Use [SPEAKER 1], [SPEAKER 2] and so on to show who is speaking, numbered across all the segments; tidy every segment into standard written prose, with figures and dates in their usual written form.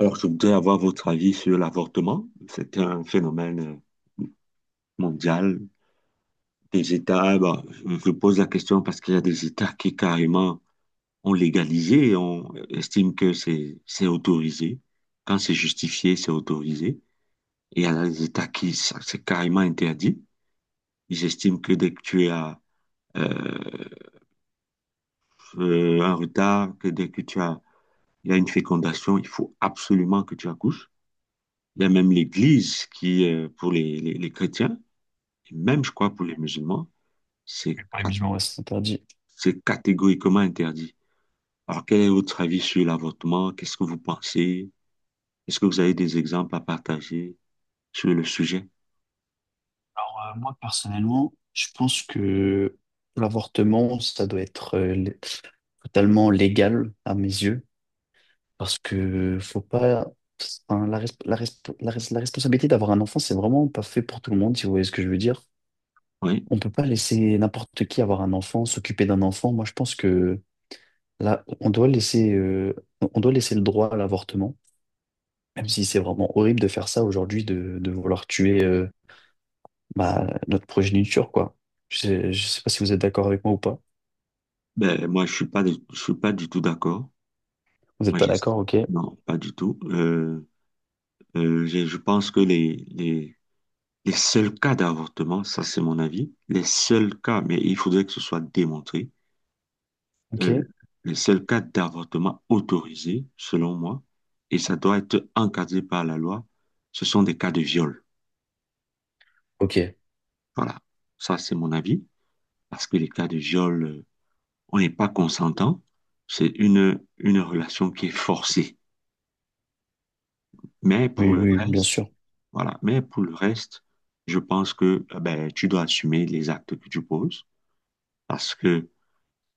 [SPEAKER 1] Alors, je voudrais avoir votre avis sur l'avortement. C'est un phénomène mondial. Des États, bah, je pose la question parce qu'il y a des États qui carrément ont légalisé et on estime que c'est autorisé. Quand c'est justifié, c'est autorisé. Et il y a des États qui, ça, c'est carrément interdit. Ils estiment que dès que tu as euh, un retard, que dès que tu as, il y a une fécondation, il faut absolument que tu accouches. Il y a même l'Église qui, pour les, les chrétiens, et même, je crois, pour les musulmans, c'est
[SPEAKER 2] Ouais, mais c'est interdit.
[SPEAKER 1] c'est catégoriquement interdit. Alors, quel est votre avis sur l'avortement? Qu'est-ce que vous pensez? Est-ce que vous avez des exemples à partager sur le sujet?
[SPEAKER 2] Alors, moi, personnellement, je pense que l'avortement, ça doit être totalement légal à mes yeux, parce que faut pas. Enfin, la responsabilité d'avoir un enfant, c'est vraiment pas fait pour tout le monde, si vous voyez ce que je veux dire.
[SPEAKER 1] Oui.
[SPEAKER 2] On peut pas laisser n'importe qui avoir un enfant, s'occuper d'un enfant. Moi, je pense que là, on doit laisser le droit à l'avortement, même si c'est vraiment horrible de faire ça aujourd'hui, de vouloir tuer. Bah, notre progéniture, quoi. Je sais pas si vous êtes d'accord avec moi ou pas.
[SPEAKER 1] Ben, moi, je suis pas du tout d'accord.
[SPEAKER 2] Vous
[SPEAKER 1] Moi,
[SPEAKER 2] n'êtes pas
[SPEAKER 1] j'ai-
[SPEAKER 2] d'accord, ok,
[SPEAKER 1] non, pas du tout. Je pense que les seuls cas d'avortement, ça c'est mon avis, les seuls cas, mais il faudrait que ce soit démontré.
[SPEAKER 2] ok.
[SPEAKER 1] Euh, c'est le cas d'avortement autorisé, selon moi, et ça doit être encadré par la loi. Ce sont des cas de viol.
[SPEAKER 2] Ok.
[SPEAKER 1] Voilà, ça c'est mon avis, parce que les cas de viol, on n'est pas consentant. C'est une relation qui est forcée. Mais pour
[SPEAKER 2] Oui,
[SPEAKER 1] le,
[SPEAKER 2] oui, oui,
[SPEAKER 1] re-
[SPEAKER 2] bien sûr.
[SPEAKER 1] voilà. Mais pour le reste, je pense que ben, tu dois assumer les actes que tu poses, parce que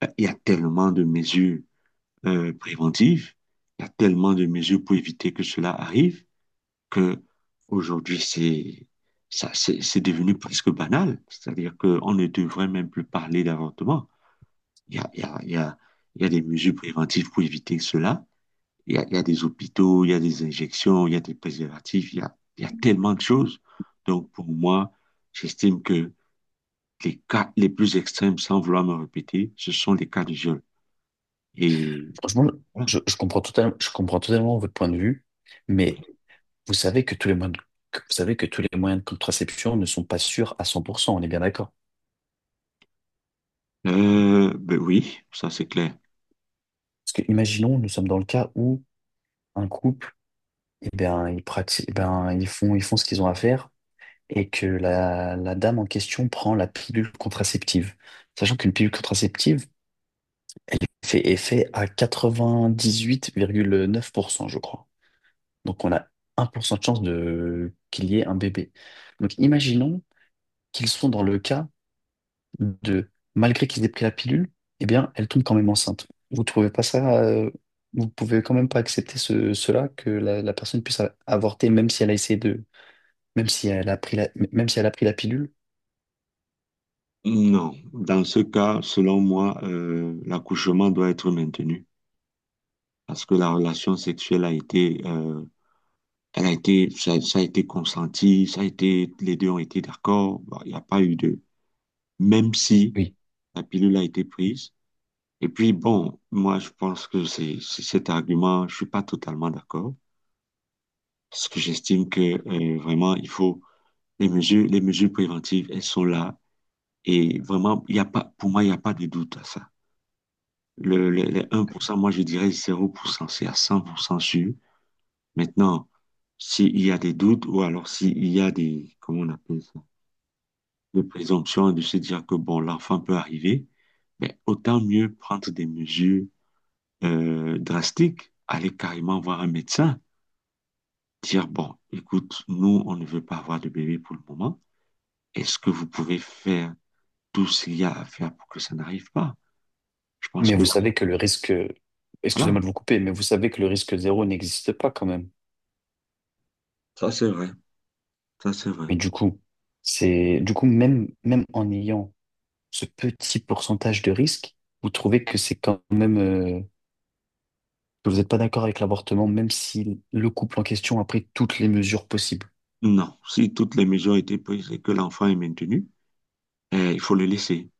[SPEAKER 1] il y a tellement de mesures préventives, il y a tellement de mesures pour éviter que cela arrive que aujourd'hui c'est ça c'est devenu presque banal, c'est-à-dire qu'on ne devrait même plus parler d'avortement. Il y a, il y a, il y a, il y a des mesures préventives pour éviter cela. Il y a des hôpitaux, il y a des injections, il y a des préservatifs, il y a tellement de choses. Donc pour moi, j'estime que les cas les plus extrêmes, sans vouloir me répéter, ce sont les cas de viol. Et
[SPEAKER 2] Franchement,
[SPEAKER 1] voilà.
[SPEAKER 2] je comprends totalement, je comprends totalement votre point de vue, mais vous savez que tous les moyens de, que vous savez que tous les moyens de contraception ne sont pas sûrs à cent pour cent, on est bien d'accord.
[SPEAKER 1] Ben oui, ça c'est clair.
[SPEAKER 2] Parce que imaginons, nous sommes dans le cas où un couple, eh bien, ils pratiquent, eh bien, ils font ce qu'ils ont à faire et que la dame en question prend la pilule contraceptive. Sachant qu'une pilule contraceptive, fait effet à 98,9%, je crois. Donc on a 1% de chance de qu'il y ait un bébé. Donc imaginons qu'ils sont dans le cas de, malgré qu'ils aient pris la pilule, eh bien, elle tombe quand même enceinte. Vous pouvez quand même pas accepter cela, que la personne puisse avorter, même si elle a pris la pilule.
[SPEAKER 1] Non, dans ce cas, selon moi, l'accouchement doit être maintenu parce que la relation sexuelle a été, elle a été, ça a été consenti, ça a été, les deux ont été d'accord. Bon, il n'y a pas eu de, même si
[SPEAKER 2] Oui.
[SPEAKER 1] la pilule a été prise. Et puis bon, moi je pense que c'est cet argument, je suis pas totalement d'accord parce que j'estime que vraiment il faut les mesures préventives, elles sont là et vraiment il y a pas, pour moi il n'y a pas de doute à ça. Les, un pour cent, moi je dirais zéro pour cent, c'est à 100% sûr. Maintenant, s'il y a des doutes ou alors s'il y a des, comment on appelle ça, des présomptions de se dire que bon, l'enfant peut arriver, mais autant mieux prendre des mesures drastiques, aller carrément voir un médecin, dire bon, écoute, nous, on ne veut pas avoir de bébé pour le moment. Est-ce que vous pouvez faire tout ce qu'il y a à faire pour que ça n'arrive pas? Je pense
[SPEAKER 2] Mais
[SPEAKER 1] que
[SPEAKER 2] vous
[SPEAKER 1] là,
[SPEAKER 2] savez que le risque,
[SPEAKER 1] voilà,
[SPEAKER 2] excusez-moi de vous couper, mais vous savez que le risque zéro n'existe pas quand même.
[SPEAKER 1] ça c'est vrai, ça c'est vrai.
[SPEAKER 2] Mais du coup, c'est du coup même en ayant ce petit pourcentage de risque, vous trouvez que c'est quand même que vous n'êtes pas d'accord avec l'avortement, même si le couple en question a pris toutes les mesures possibles.
[SPEAKER 1] Non, si toutes les mesures ont été prises et que l'enfant est maintenu, eh, il faut le laisser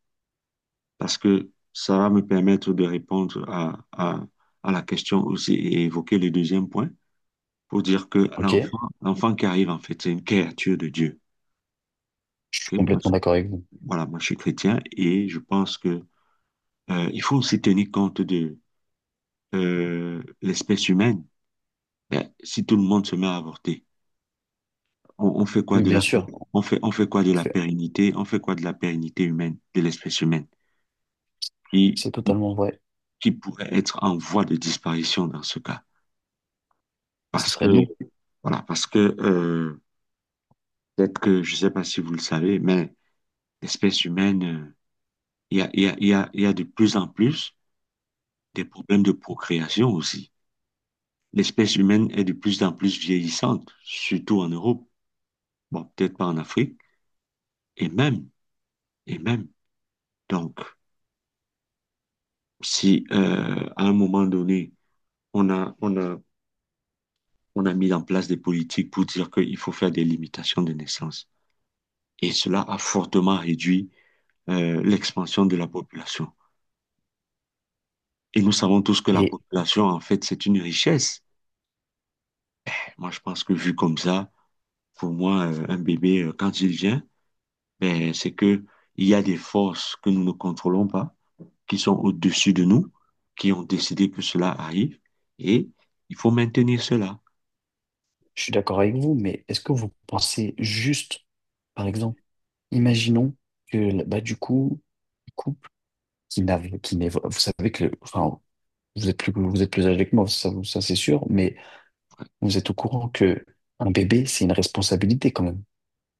[SPEAKER 1] parce que ça va me permettre de répondre à la question aussi et évoquer le deuxième point pour dire que
[SPEAKER 2] Ok, je
[SPEAKER 1] l'enfant qui arrive, en fait, c'est une créature de Dieu.
[SPEAKER 2] suis
[SPEAKER 1] Ok,
[SPEAKER 2] complètement d'accord avec vous.
[SPEAKER 1] voilà, moi je suis chrétien et je pense que il faut aussi tenir compte de l'espèce humaine. Eh, si tout le monde se met à avorter, on fait quoi
[SPEAKER 2] Oui,
[SPEAKER 1] de
[SPEAKER 2] bien
[SPEAKER 1] la,
[SPEAKER 2] sûr, en
[SPEAKER 1] on fait quoi de la
[SPEAKER 2] fait,
[SPEAKER 1] pérennité, on fait quoi de la pérennité humaine, de l'espèce humaine
[SPEAKER 2] c'est totalement vrai.
[SPEAKER 1] qui pourrait être en voie de disparition dans ce cas.
[SPEAKER 2] Ce
[SPEAKER 1] Parce que,
[SPEAKER 2] serait nous.
[SPEAKER 1] voilà, parce que peut-être que, je ne sais pas si vous le savez, mais l'espèce humaine, il y a, il y a, il y a, il y a de plus en plus des problèmes de procréation aussi. L'espèce humaine est de plus en plus vieillissante, surtout en Europe, bon, peut-être pas en Afrique, et même, et même. Donc, si à un moment donné, on a, on a, on a mis en place des politiques pour dire qu'il faut faire des limitations de naissance, et cela a fortement réduit l'expansion de la population. Et nous savons tous que la
[SPEAKER 2] Mais
[SPEAKER 1] population, en fait, c'est une richesse. Moi, je pense que vu comme ça, pour moi, un bébé, quand il vient, ben, c'est que il y a des forces que nous ne contrôlons pas, qui sont au-dessus de nous, qui ont décidé que cela arrive, et il faut maintenir cela.
[SPEAKER 2] je suis d'accord avec vous. Mais est-ce que vous pensez juste, par exemple, imaginons que bah du coup, le couple qui n'avait, qui n'évo- vous savez que le- enfin vous êtes plus, vous êtes plus âgé que moi, ça, ça c'est sûr, mais vous êtes au courant que un bébé, c'est une responsabilité quand même.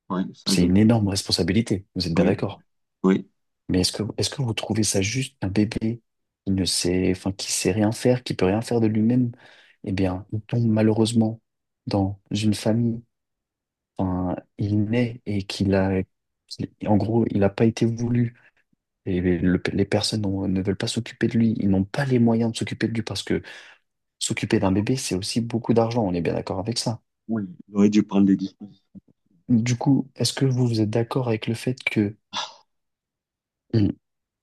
[SPEAKER 1] Oui, ça
[SPEAKER 2] C'est
[SPEAKER 1] je le
[SPEAKER 2] une
[SPEAKER 1] peux.
[SPEAKER 2] énorme responsabilité, vous êtes bien
[SPEAKER 1] Oui, oui,
[SPEAKER 2] d'accord.
[SPEAKER 1] oui.
[SPEAKER 2] Mais est-ce que vous trouvez ça juste un bébé qui ne sait, enfin, qui sait rien faire, qui peut rien faire de lui-même? Eh bien, il tombe malheureusement dans une famille, enfin, il naît et qu'il a, en gros, il n'a pas été voulu. Et les personnes ne veulent pas s'occuper de lui, ils n'ont pas les moyens de s'occuper de lui parce que s'occuper d'un bébé, c'est aussi beaucoup d'argent, on est bien d'accord avec ça.
[SPEAKER 1] On aurait dû prendre des dispositions.
[SPEAKER 2] Du coup, est-ce que vous, vous êtes d'accord avec le fait que, hmm,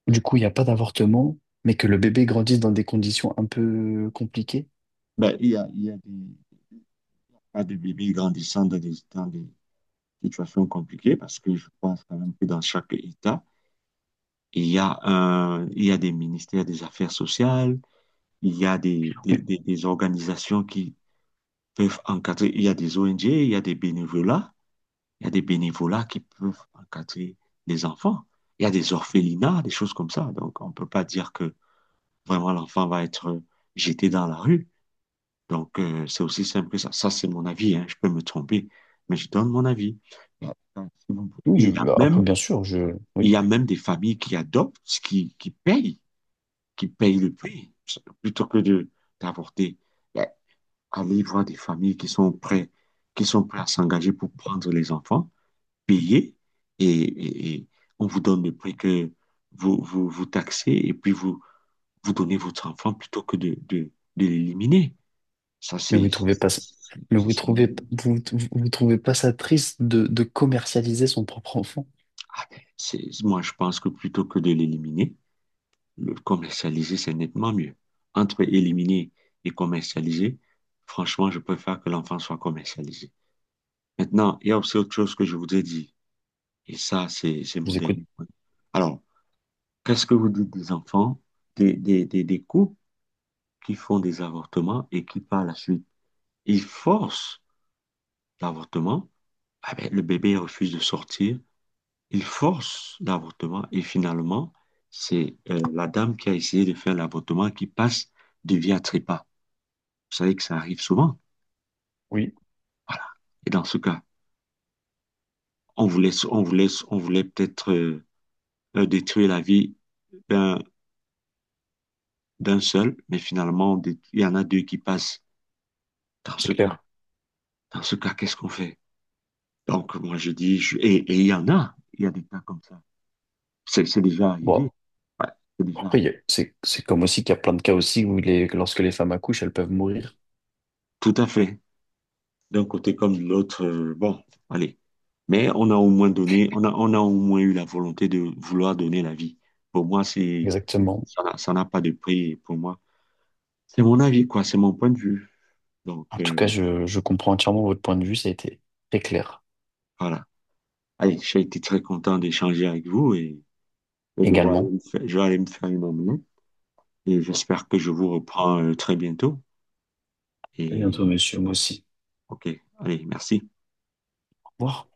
[SPEAKER 2] du coup, il n'y a pas d'avortement, mais que le bébé grandisse dans des conditions un peu compliquées?
[SPEAKER 1] Ben, il y a des pas de bébés grandissant dans des situations compliquées parce que je pense quand même que dans chaque État, il y a un, il y a des ministères des Affaires sociales, il y a des,
[SPEAKER 2] Oui,
[SPEAKER 1] des organisations qui peuvent encadrer, il y a des ONG, il y a des bénévolats, il y a des bénévolats qui peuvent encadrer les enfants. Il y a des orphelinats, des choses comme ça. Donc, on ne peut pas dire que vraiment l'enfant va être jeté dans la rue. Donc, c'est aussi simple que ça. Ça, c'est mon avis, hein. Je peux me tromper, mais je donne mon avis.
[SPEAKER 2] oui,
[SPEAKER 1] Il y a
[SPEAKER 2] bah,
[SPEAKER 1] même,
[SPEAKER 2] après, bien sûr, je,
[SPEAKER 1] il
[SPEAKER 2] oui,
[SPEAKER 1] y a même des familles qui adoptent, qui payent qui paye le prix, plutôt que de d'avorter. Ben, allez voir des familles qui sont prêtes, qui sont prêts à s'engager pour prendre les enfants, payer, et on vous donne le prix que vous taxez, et puis vous, vous donnez votre enfant plutôt que de l'éliminer. Ça,
[SPEAKER 2] mais vous
[SPEAKER 1] c'est...
[SPEAKER 2] trouvez pas, ça- mais
[SPEAKER 1] ça,
[SPEAKER 2] vous
[SPEAKER 1] c'est-
[SPEAKER 2] trouvez, vous vous trouvez pas ça triste de commercialiser son propre enfant?
[SPEAKER 1] Ah, moi, je pense que plutôt que de l'éliminer, le commercialiser, c'est nettement mieux. Entre éliminer et commercialiser, franchement, je préfère que l'enfant soit commercialisé. Maintenant, il y a aussi autre chose que je vous ai dit, et ça, c'est
[SPEAKER 2] Je
[SPEAKER 1] mon
[SPEAKER 2] vous écoute.
[SPEAKER 1] dernier point. Alors, qu'est-ce que vous dites des enfants, des couples qui font des avortements et qui, par la suite, ils forcent l'avortement, ah ben, le bébé refuse de sortir, ils forcent l'avortement et finalement, c'est la dame qui a essayé de faire l'avortement qui passe de vie à trépas. Vous savez que ça arrive souvent.
[SPEAKER 2] Oui,
[SPEAKER 1] Voilà. Et dans ce cas, on voulait peut-être détruire la vie d'un, d'un seul, mais finalement, il y en a deux qui passent. Dans
[SPEAKER 2] c'est
[SPEAKER 1] ce cas,
[SPEAKER 2] clair.
[SPEAKER 1] dans ce cas, qu'est-ce qu'on fait? Donc, moi, je dis, et il y en a, il y a des cas comme ça. C'est déjà arrivé.
[SPEAKER 2] Bon,
[SPEAKER 1] Ouais, c'est déjà
[SPEAKER 2] après,
[SPEAKER 1] arrivé.
[SPEAKER 2] c'est comme aussi qu'il y a plein de cas aussi où lorsque les femmes accouchent, elles peuvent mourir.
[SPEAKER 1] Tout à fait. D'un côté comme de l'autre, bon, allez. Mais on a au moins donné, on a au moins eu la volonté de vouloir donner la vie. Pour moi, c'est,
[SPEAKER 2] Exactement.
[SPEAKER 1] ça n'a pas de prix pour moi. C'est mon avis, quoi, c'est mon point de vue. Donc,
[SPEAKER 2] En tout cas, je comprends entièrement votre point de vue, ça a été très clair
[SPEAKER 1] voilà. Allez, j'ai été très content d'échanger avec vous et de voir aller
[SPEAKER 2] également.
[SPEAKER 1] me faire- je vais aller me faire une omelette. Et j'espère que je vous reprends très bientôt.
[SPEAKER 2] À
[SPEAKER 1] Et
[SPEAKER 2] bientôt, monsieur, moi aussi.
[SPEAKER 1] OK, allez, merci.
[SPEAKER 2] Au revoir.